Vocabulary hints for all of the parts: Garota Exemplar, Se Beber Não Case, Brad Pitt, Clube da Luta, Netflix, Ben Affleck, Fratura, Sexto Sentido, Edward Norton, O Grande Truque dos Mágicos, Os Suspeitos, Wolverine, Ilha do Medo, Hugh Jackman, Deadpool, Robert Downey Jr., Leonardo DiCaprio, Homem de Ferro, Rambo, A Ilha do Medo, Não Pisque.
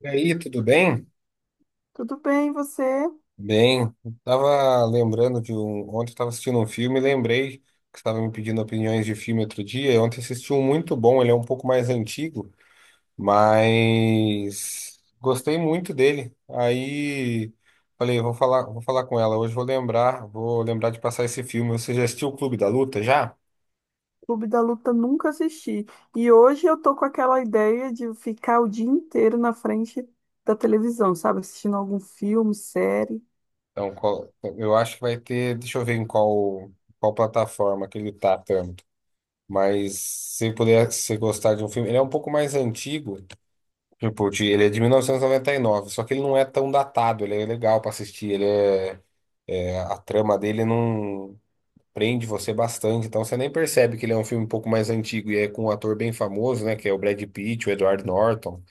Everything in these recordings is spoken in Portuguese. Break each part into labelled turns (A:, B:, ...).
A: E aí, tudo bem?
B: Tudo bem, e você?
A: Bem, eu tava lembrando de um. Ontem eu tava assistindo um filme e lembrei que você estava me pedindo opiniões de filme outro dia. E ontem assisti um muito bom, ele é um pouco mais antigo, mas gostei muito dele. Aí falei, vou falar com ela hoje, vou lembrar de passar esse filme. Você já assistiu o Clube da Luta já?
B: Clube da Luta nunca assisti. E hoje eu tô com aquela ideia de ficar o dia inteiro na frente da televisão, sabe? Assistindo algum filme, série.
A: Então, eu acho que vai ter, deixa eu ver em qual, qual plataforma que ele tá. Mas se puder se gostar de um filme, ele é um pouco mais antigo, tipo, ele é de 1999, só que ele não é tão datado, ele é legal pra assistir, a trama dele não prende você bastante, então você nem percebe que ele é um filme um pouco mais antigo e é com um ator bem famoso, né, que é o Brad Pitt, o Edward Norton.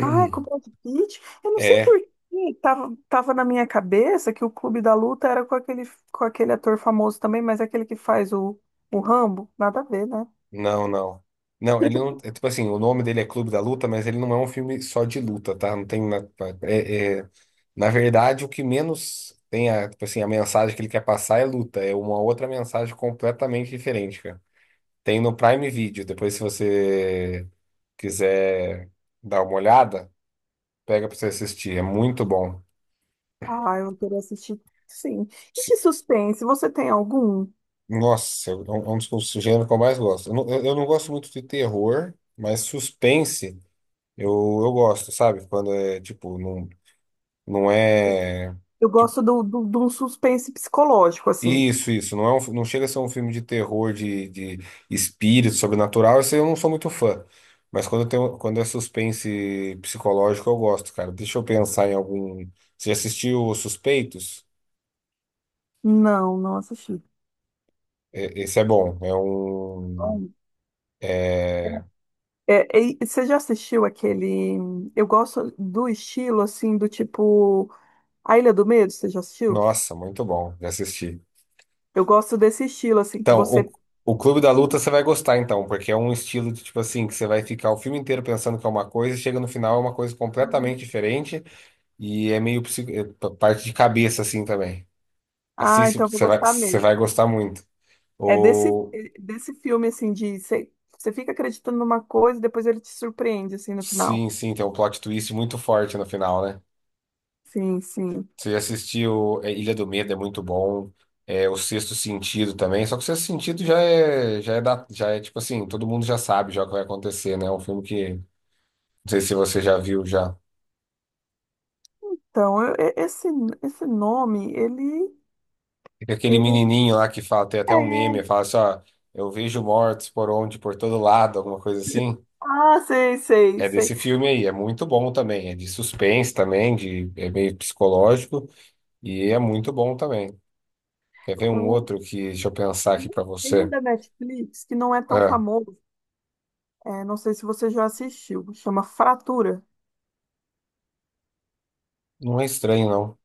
B: Ah, é com Brad Pitt. Eu não sei
A: É,
B: por que tava na minha cabeça que o Clube da Luta era com aquele, ator famoso também, mas é aquele que faz o Rambo. Nada a ver, né?
A: não, não. Não, ele não. É, tipo assim, o nome dele é Clube da Luta, mas ele não é um filme só de luta, tá? Não tem. Na- É, é, Na verdade, o que menos tem a, tipo assim, a mensagem que ele quer passar é luta, é uma outra mensagem completamente diferente, cara. Tem no Prime Video, depois se você quiser dar uma olhada, pega pra você assistir, é muito bom.
B: Ah, eu queria assistir, sim. E
A: Se-
B: de suspense, você tem algum?
A: Nossa, é um dos gêneros que eu mais gosto. Eu não gosto muito de terror, mas suspense eu, eu gosto, sabe? Quando é, tipo, não, não é.
B: Eu
A: Tipo,
B: gosto de um suspense psicológico, assim.
A: isso, isso. Não chega a ser um filme de terror, de espírito, sobrenatural. Esse eu não sou muito fã. Mas quando é suspense psicológico, eu gosto, cara. Deixa eu pensar em algum. Você já assistiu Os Suspeitos?
B: Não, não assisti.
A: Esse é bom.
B: Bom,
A: É-
B: e você já assistiu aquele. Eu gosto do estilo, assim, do tipo. A Ilha do Medo, você já assistiu?
A: Nossa, muito bom. Já assisti.
B: Eu gosto desse estilo, assim, que
A: Então,
B: você.
A: o Clube da Luta você vai gostar, então, porque é um estilo de tipo assim, que você vai ficar o filme inteiro pensando que é uma coisa, e chega no final é uma coisa
B: Não.
A: completamente diferente. E é meio parte de cabeça, assim, também.
B: Ah,
A: Assiste,
B: então eu vou gostar
A: você
B: mesmo.
A: vai gostar muito.
B: É desse,
A: Ou,
B: é desse filme, assim, de. Você fica acreditando numa coisa e depois ele te surpreende, assim, no
A: sim,
B: final.
A: sim, tem um plot twist muito forte no final, né?
B: Sim, sim.
A: Você já assistiu é, Ilha do Medo, é muito bom. É, o Sexto Sentido também. Só que o Sexto Sentido já é tipo assim, todo mundo já sabe já o que vai acontecer, né? É um filme que, não sei se você já viu já.
B: Então, esse nome, ele.
A: Tem aquele
B: Ele.
A: menininho lá que fala, tem
B: É.
A: até um meme, fala assim, ó, eu vejo mortos por onde, por todo lado, alguma coisa assim.
B: Ah, sei, sei,
A: É
B: sei.
A: desse filme aí, é muito bom também. É de suspense também, de, é meio psicológico. E é muito bom também. Quer ver um
B: O-
A: outro que, deixa eu pensar aqui pra
B: Tem um
A: você.
B: da Netflix que não é tão
A: Ah,
B: famoso. É, não sei se você já assistiu, chama Fratura.
A: não é estranho, não.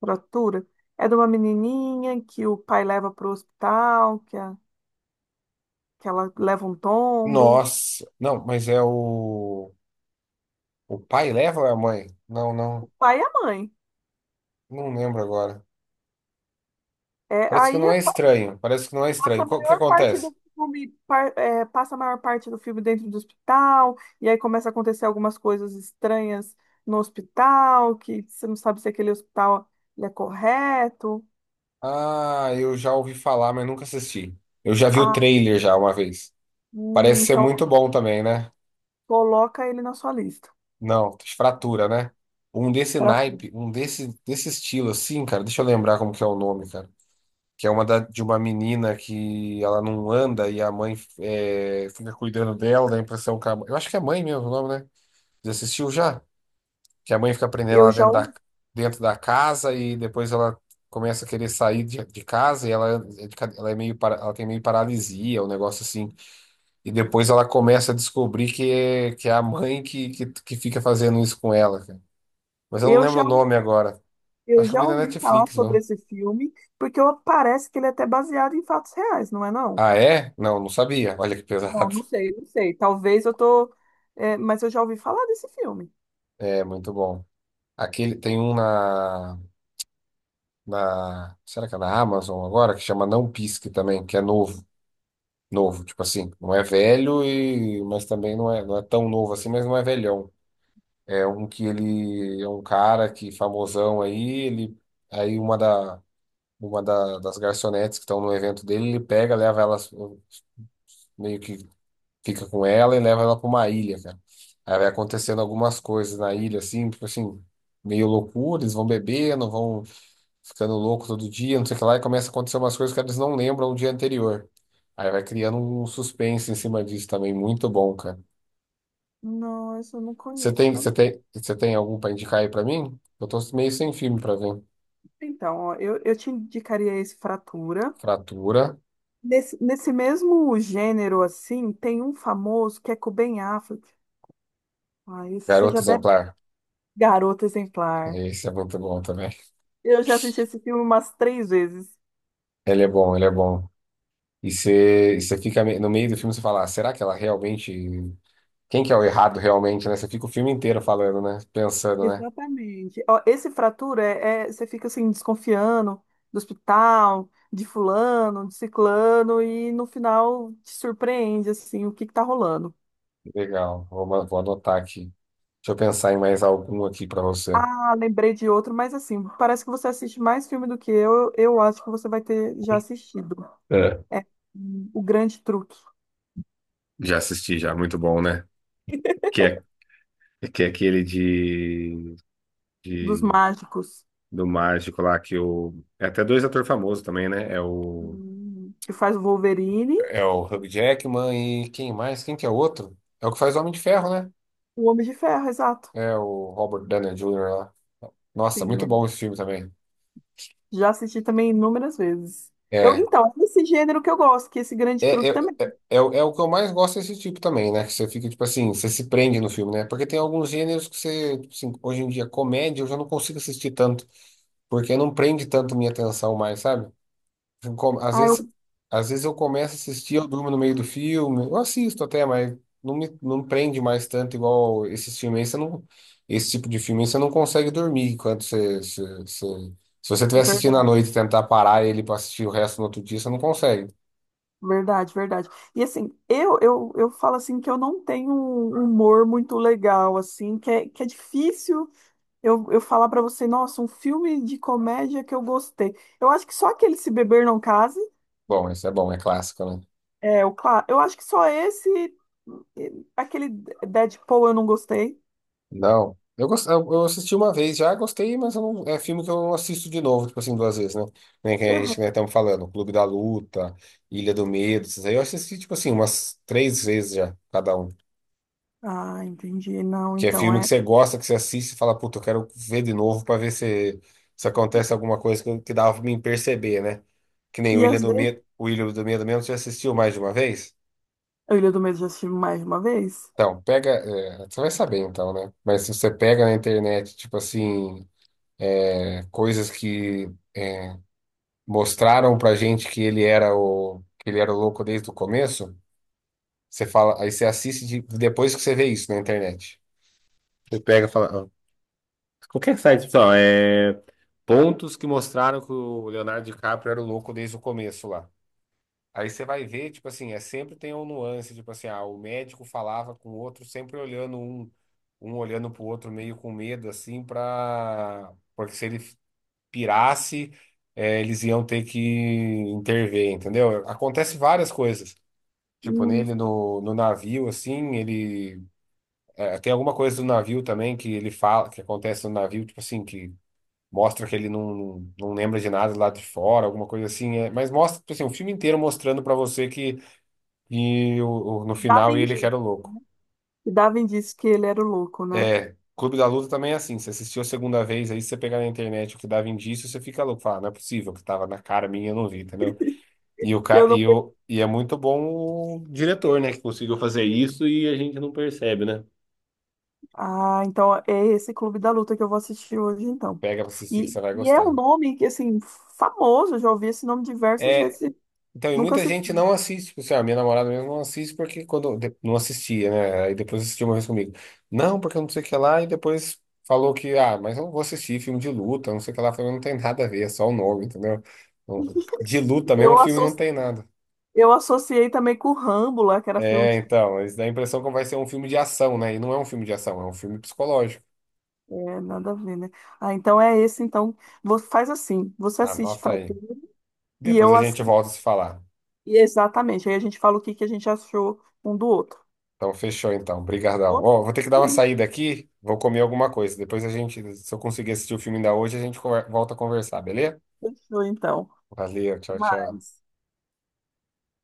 B: Fratura. É de uma menininha que o pai leva para o hospital, que, que ela leva um tombo.
A: Nossa, não, mas é o. O pai leva ou é a mãe? Não, não,
B: O pai e a mãe.
A: não lembro agora.
B: É,
A: Parece que
B: aí
A: não é estranho, parece que não é
B: passa
A: estranho.
B: a
A: O que
B: maior parte
A: acontece?
B: do filme, passa a maior parte do filme dentro do hospital, e aí começa a acontecer algumas coisas estranhas no hospital, que você não sabe se aquele hospital ele é correto.
A: Ah, eu já ouvi falar, mas nunca assisti. Eu já vi o
B: Ah,
A: trailer já uma vez. Parece ser
B: então
A: muito bom também, né?
B: coloca ele na sua lista.
A: Não, fratura, né? Um desse
B: Fratura.
A: naipe, desse estilo assim, cara. Deixa eu lembrar como que é o nome, cara. Que é uma de uma menina que ela não anda e a mãe é, fica cuidando dela, dá a impressão que a, eu acho que é mãe mesmo o nome, né? Você assistiu já? Que a mãe fica prendendo
B: Eu
A: ela
B: já
A: dentro
B: ouvi.
A: dentro da casa e depois ela começa a querer sair de casa e ela, é ela é meio, ela tem meio paralisia, um negócio assim. E depois ela começa a descobrir que é a mãe que fica fazendo isso com ela, cara. Mas eu não
B: Eu
A: lembro o
B: já
A: nome agora.
B: Eu
A: Acho que eu
B: já
A: vi na
B: ouvi falar
A: Netflix,
B: sobre
A: não?
B: esse filme, porque parece que ele é até baseado em fatos reais, não é não?
A: Ah, é? Não, não sabia. Olha que
B: Não,
A: pesado.
B: não sei, não sei. Talvez eu tô, mas eu já ouvi falar desse filme.
A: É, muito bom. Aquele, tem um na, na. Será que é na Amazon agora? Que chama Não Pisque também, que é novo. Novo, tipo assim. Não é velho, e, mas também não é, não é tão novo assim, mas não é velhão. É um que ele. É um cara que famosão aí, ele. Aí uma da. Uma das garçonetes que estão no evento dele, ele pega, leva elas meio que fica com ela e leva ela pra uma ilha, cara. Aí vai acontecendo algumas coisas na ilha, assim, tipo assim, meio loucura, eles vão bebendo, vão ficando louco todo dia, não sei o que lá, e começa a acontecer umas coisas que eles não lembram do dia anterior. Aí vai criando um suspense em cima disso também, muito bom, cara.
B: Não, esse eu não conheço também.
A: Você tem algum pra indicar aí pra mim? Eu tô meio sem filme pra ver.
B: Então, ó, eu te indicaria esse Fratura.
A: Fratura,
B: Nesse mesmo gênero, assim, tem um famoso que é com o Ben Affleck. Ah, esse você
A: Garota
B: já deve...
A: Exemplar.
B: Garota Exemplar.
A: Esse é muito bom também.
B: Eu já assisti esse filme umas três vezes.
A: Ele é bom. E você fica no meio do filme, você fala, "Ah, será que ela realmente quem que é o errado realmente, né? Você fica o filme inteiro falando, né? Pensando, né?
B: Exatamente. Ó, esse fratura você fica assim desconfiando do hospital, de fulano, de ciclano e no final te surpreende assim o que que tá rolando.
A: Legal, vou anotar aqui. Deixa eu pensar em mais algum aqui pra você.
B: Ah, lembrei de outro, mas assim, parece que você assiste mais filme do que eu. Eu acho que você vai ter já assistido.
A: É,
B: É O Grande Truque
A: já assisti, já, muito bom, né? Que é, que é aquele
B: dos
A: de-
B: Mágicos,
A: do mágico lá, que o. É até dois atores famosos também, né? É o.
B: que faz o Wolverine,
A: É o Hugh Jackman e quem mais? Quem que é o outro? É o que faz Homem de Ferro, né?
B: o Homem de Ferro, exato.
A: É o Robert Downey Jr. lá. Nossa,
B: Sim,
A: muito
B: né?
A: bom esse filme também.
B: Já assisti também inúmeras vezes. Eu,
A: É.
B: então, é esse gênero que eu gosto, que é esse grande
A: É, é,
B: truque também.
A: é o que eu mais gosto desse tipo também, né? Que você fica, tipo assim, você se prende no filme, né? Porque tem alguns gêneros que você, tipo assim, hoje em dia, comédia, eu já não consigo assistir tanto, porque não prende tanto minha atenção mais, sabe? Eu com- Às
B: Ah,
A: vezes,
B: eu...
A: às vezes eu começo a assistir, eu durmo no meio do filme, eu assisto até, mas não me, não prende mais tanto igual esses filmes aí, você não, esse tipo de filme aí, você não consegue dormir quando você- se você estiver assistindo à
B: Verdade,
A: noite e tentar parar ele pra assistir o resto no outro dia, você não consegue.
B: verdade, verdade. E assim, eu falo assim que eu não tenho um humor muito legal, assim, que é difícil eu falar pra você, nossa, um filme de comédia que eu gostei. Eu acho que só aquele Se Beber Não Case,
A: Bom, esse é bom, é clássico, né?
B: é, o claro, eu acho que só esse, aquele Deadpool eu não gostei.
A: Não. Eu eu assisti uma vez já, gostei, mas eu é filme que eu não assisto de novo, tipo assim, duas vezes, né? Nem que a gente
B: Aham.
A: né, estamos falando, Clube da Luta, Ilha do Medo, esses aí eu assisti, tipo assim, umas 3 vezes já, cada um.
B: Ah, entendi. Não,
A: Que é
B: então
A: filme que
B: é.
A: você gosta, que você assiste e fala, puta, eu quero ver de novo pra ver se acontece alguma coisa que dava pra mim perceber, né? Que nem o
B: E
A: Ilha
B: às
A: do
B: vezes,
A: Medo, o Ilha do Medo mesmo, você assistiu mais de uma vez?
B: a Ilha do Medo eu já assisti mais de uma vez.
A: Então, pega, é, você vai saber então, né? Mas se você pega na internet, tipo assim, é, coisas que mostraram pra gente que ele era o que ele era o louco desde o começo, você fala, aí você assiste depois que você vê isso na internet. Você pega e fala. Ó, qualquer site, pessoal é pontos que mostraram que o Leonardo DiCaprio era o louco desde o começo lá. Aí você vai ver, tipo assim, é sempre tem um nuance, tipo assim, ah, o médico falava com o outro, sempre olhando um olhando pro outro meio com medo, assim, pra... Porque se ele pirasse, eles iam ter que intervir, entendeu? Acontece várias coisas. Tipo,
B: Hum,
A: nele no navio, assim, ele. Tem alguma coisa do navio também que ele fala, que acontece no navio, tipo assim, que mostra que ele não lembra de nada lá de fora, alguma coisa assim. É, mas mostra, tipo assim, o filme inteiro mostrando pra você que e no
B: dava
A: final ele que era
B: indício,
A: o louco.
B: E dava indício que ele era o louco, né?
A: É. Clube da Luta também é assim. Você assistiu a segunda vez aí, se você pegar na internet o que dava indício, você fica louco. Fala, não é possível, que tava na cara minha, eu não vi, entendeu? E, o, ca-
B: Eu não.
A: e, o, e é muito bom o diretor, né? Que conseguiu fazer isso e a gente não percebe, né?
B: Ah, então é esse Clube da Luta que eu vou assistir hoje, então.
A: Pega pra assistir que
B: E,
A: você vai
B: e é um
A: gostar.
B: nome que, assim, famoso, eu já ouvi esse nome diversas
A: É,
B: vezes. E
A: então, e
B: Nunca
A: muita
B: se.
A: gente não assiste. Tipo assim, a minha namorada mesmo não assiste porque quando não assistia, né? Aí depois assistiu uma vez comigo. Não, porque não sei o que lá. E depois falou que, ah, mas eu não vou assistir filme de luta, não sei o que lá. Eu falei, não tem nada a ver, é só o nome, entendeu? Não- De luta mesmo, o
B: Eu,
A: filme
B: asso...
A: não tem nada.
B: eu associei também com o Rambo lá, que era filme
A: É,
B: de.
A: então, isso dá a impressão que vai ser um filme de ação, né? E não é um filme de ação, é um filme psicológico.
B: É, nada a ver, né? Ah, então é esse, então. Você faz assim, você assiste
A: Anota aí.
B: Fratura e
A: Depois
B: eu
A: a gente
B: assisto.
A: volta a se falar.
B: Exatamente. Aí a gente fala o que que a gente achou um do outro.
A: Então, fechou então. Brigadão.
B: Ok,
A: Ó, vou ter que dar uma saída aqui, vou comer alguma coisa. Depois a gente, se eu conseguir assistir o filme ainda hoje, a gente volta a conversar, beleza?
B: fechou então.
A: Valeu,
B: Até
A: tchau, tchau.
B: mais.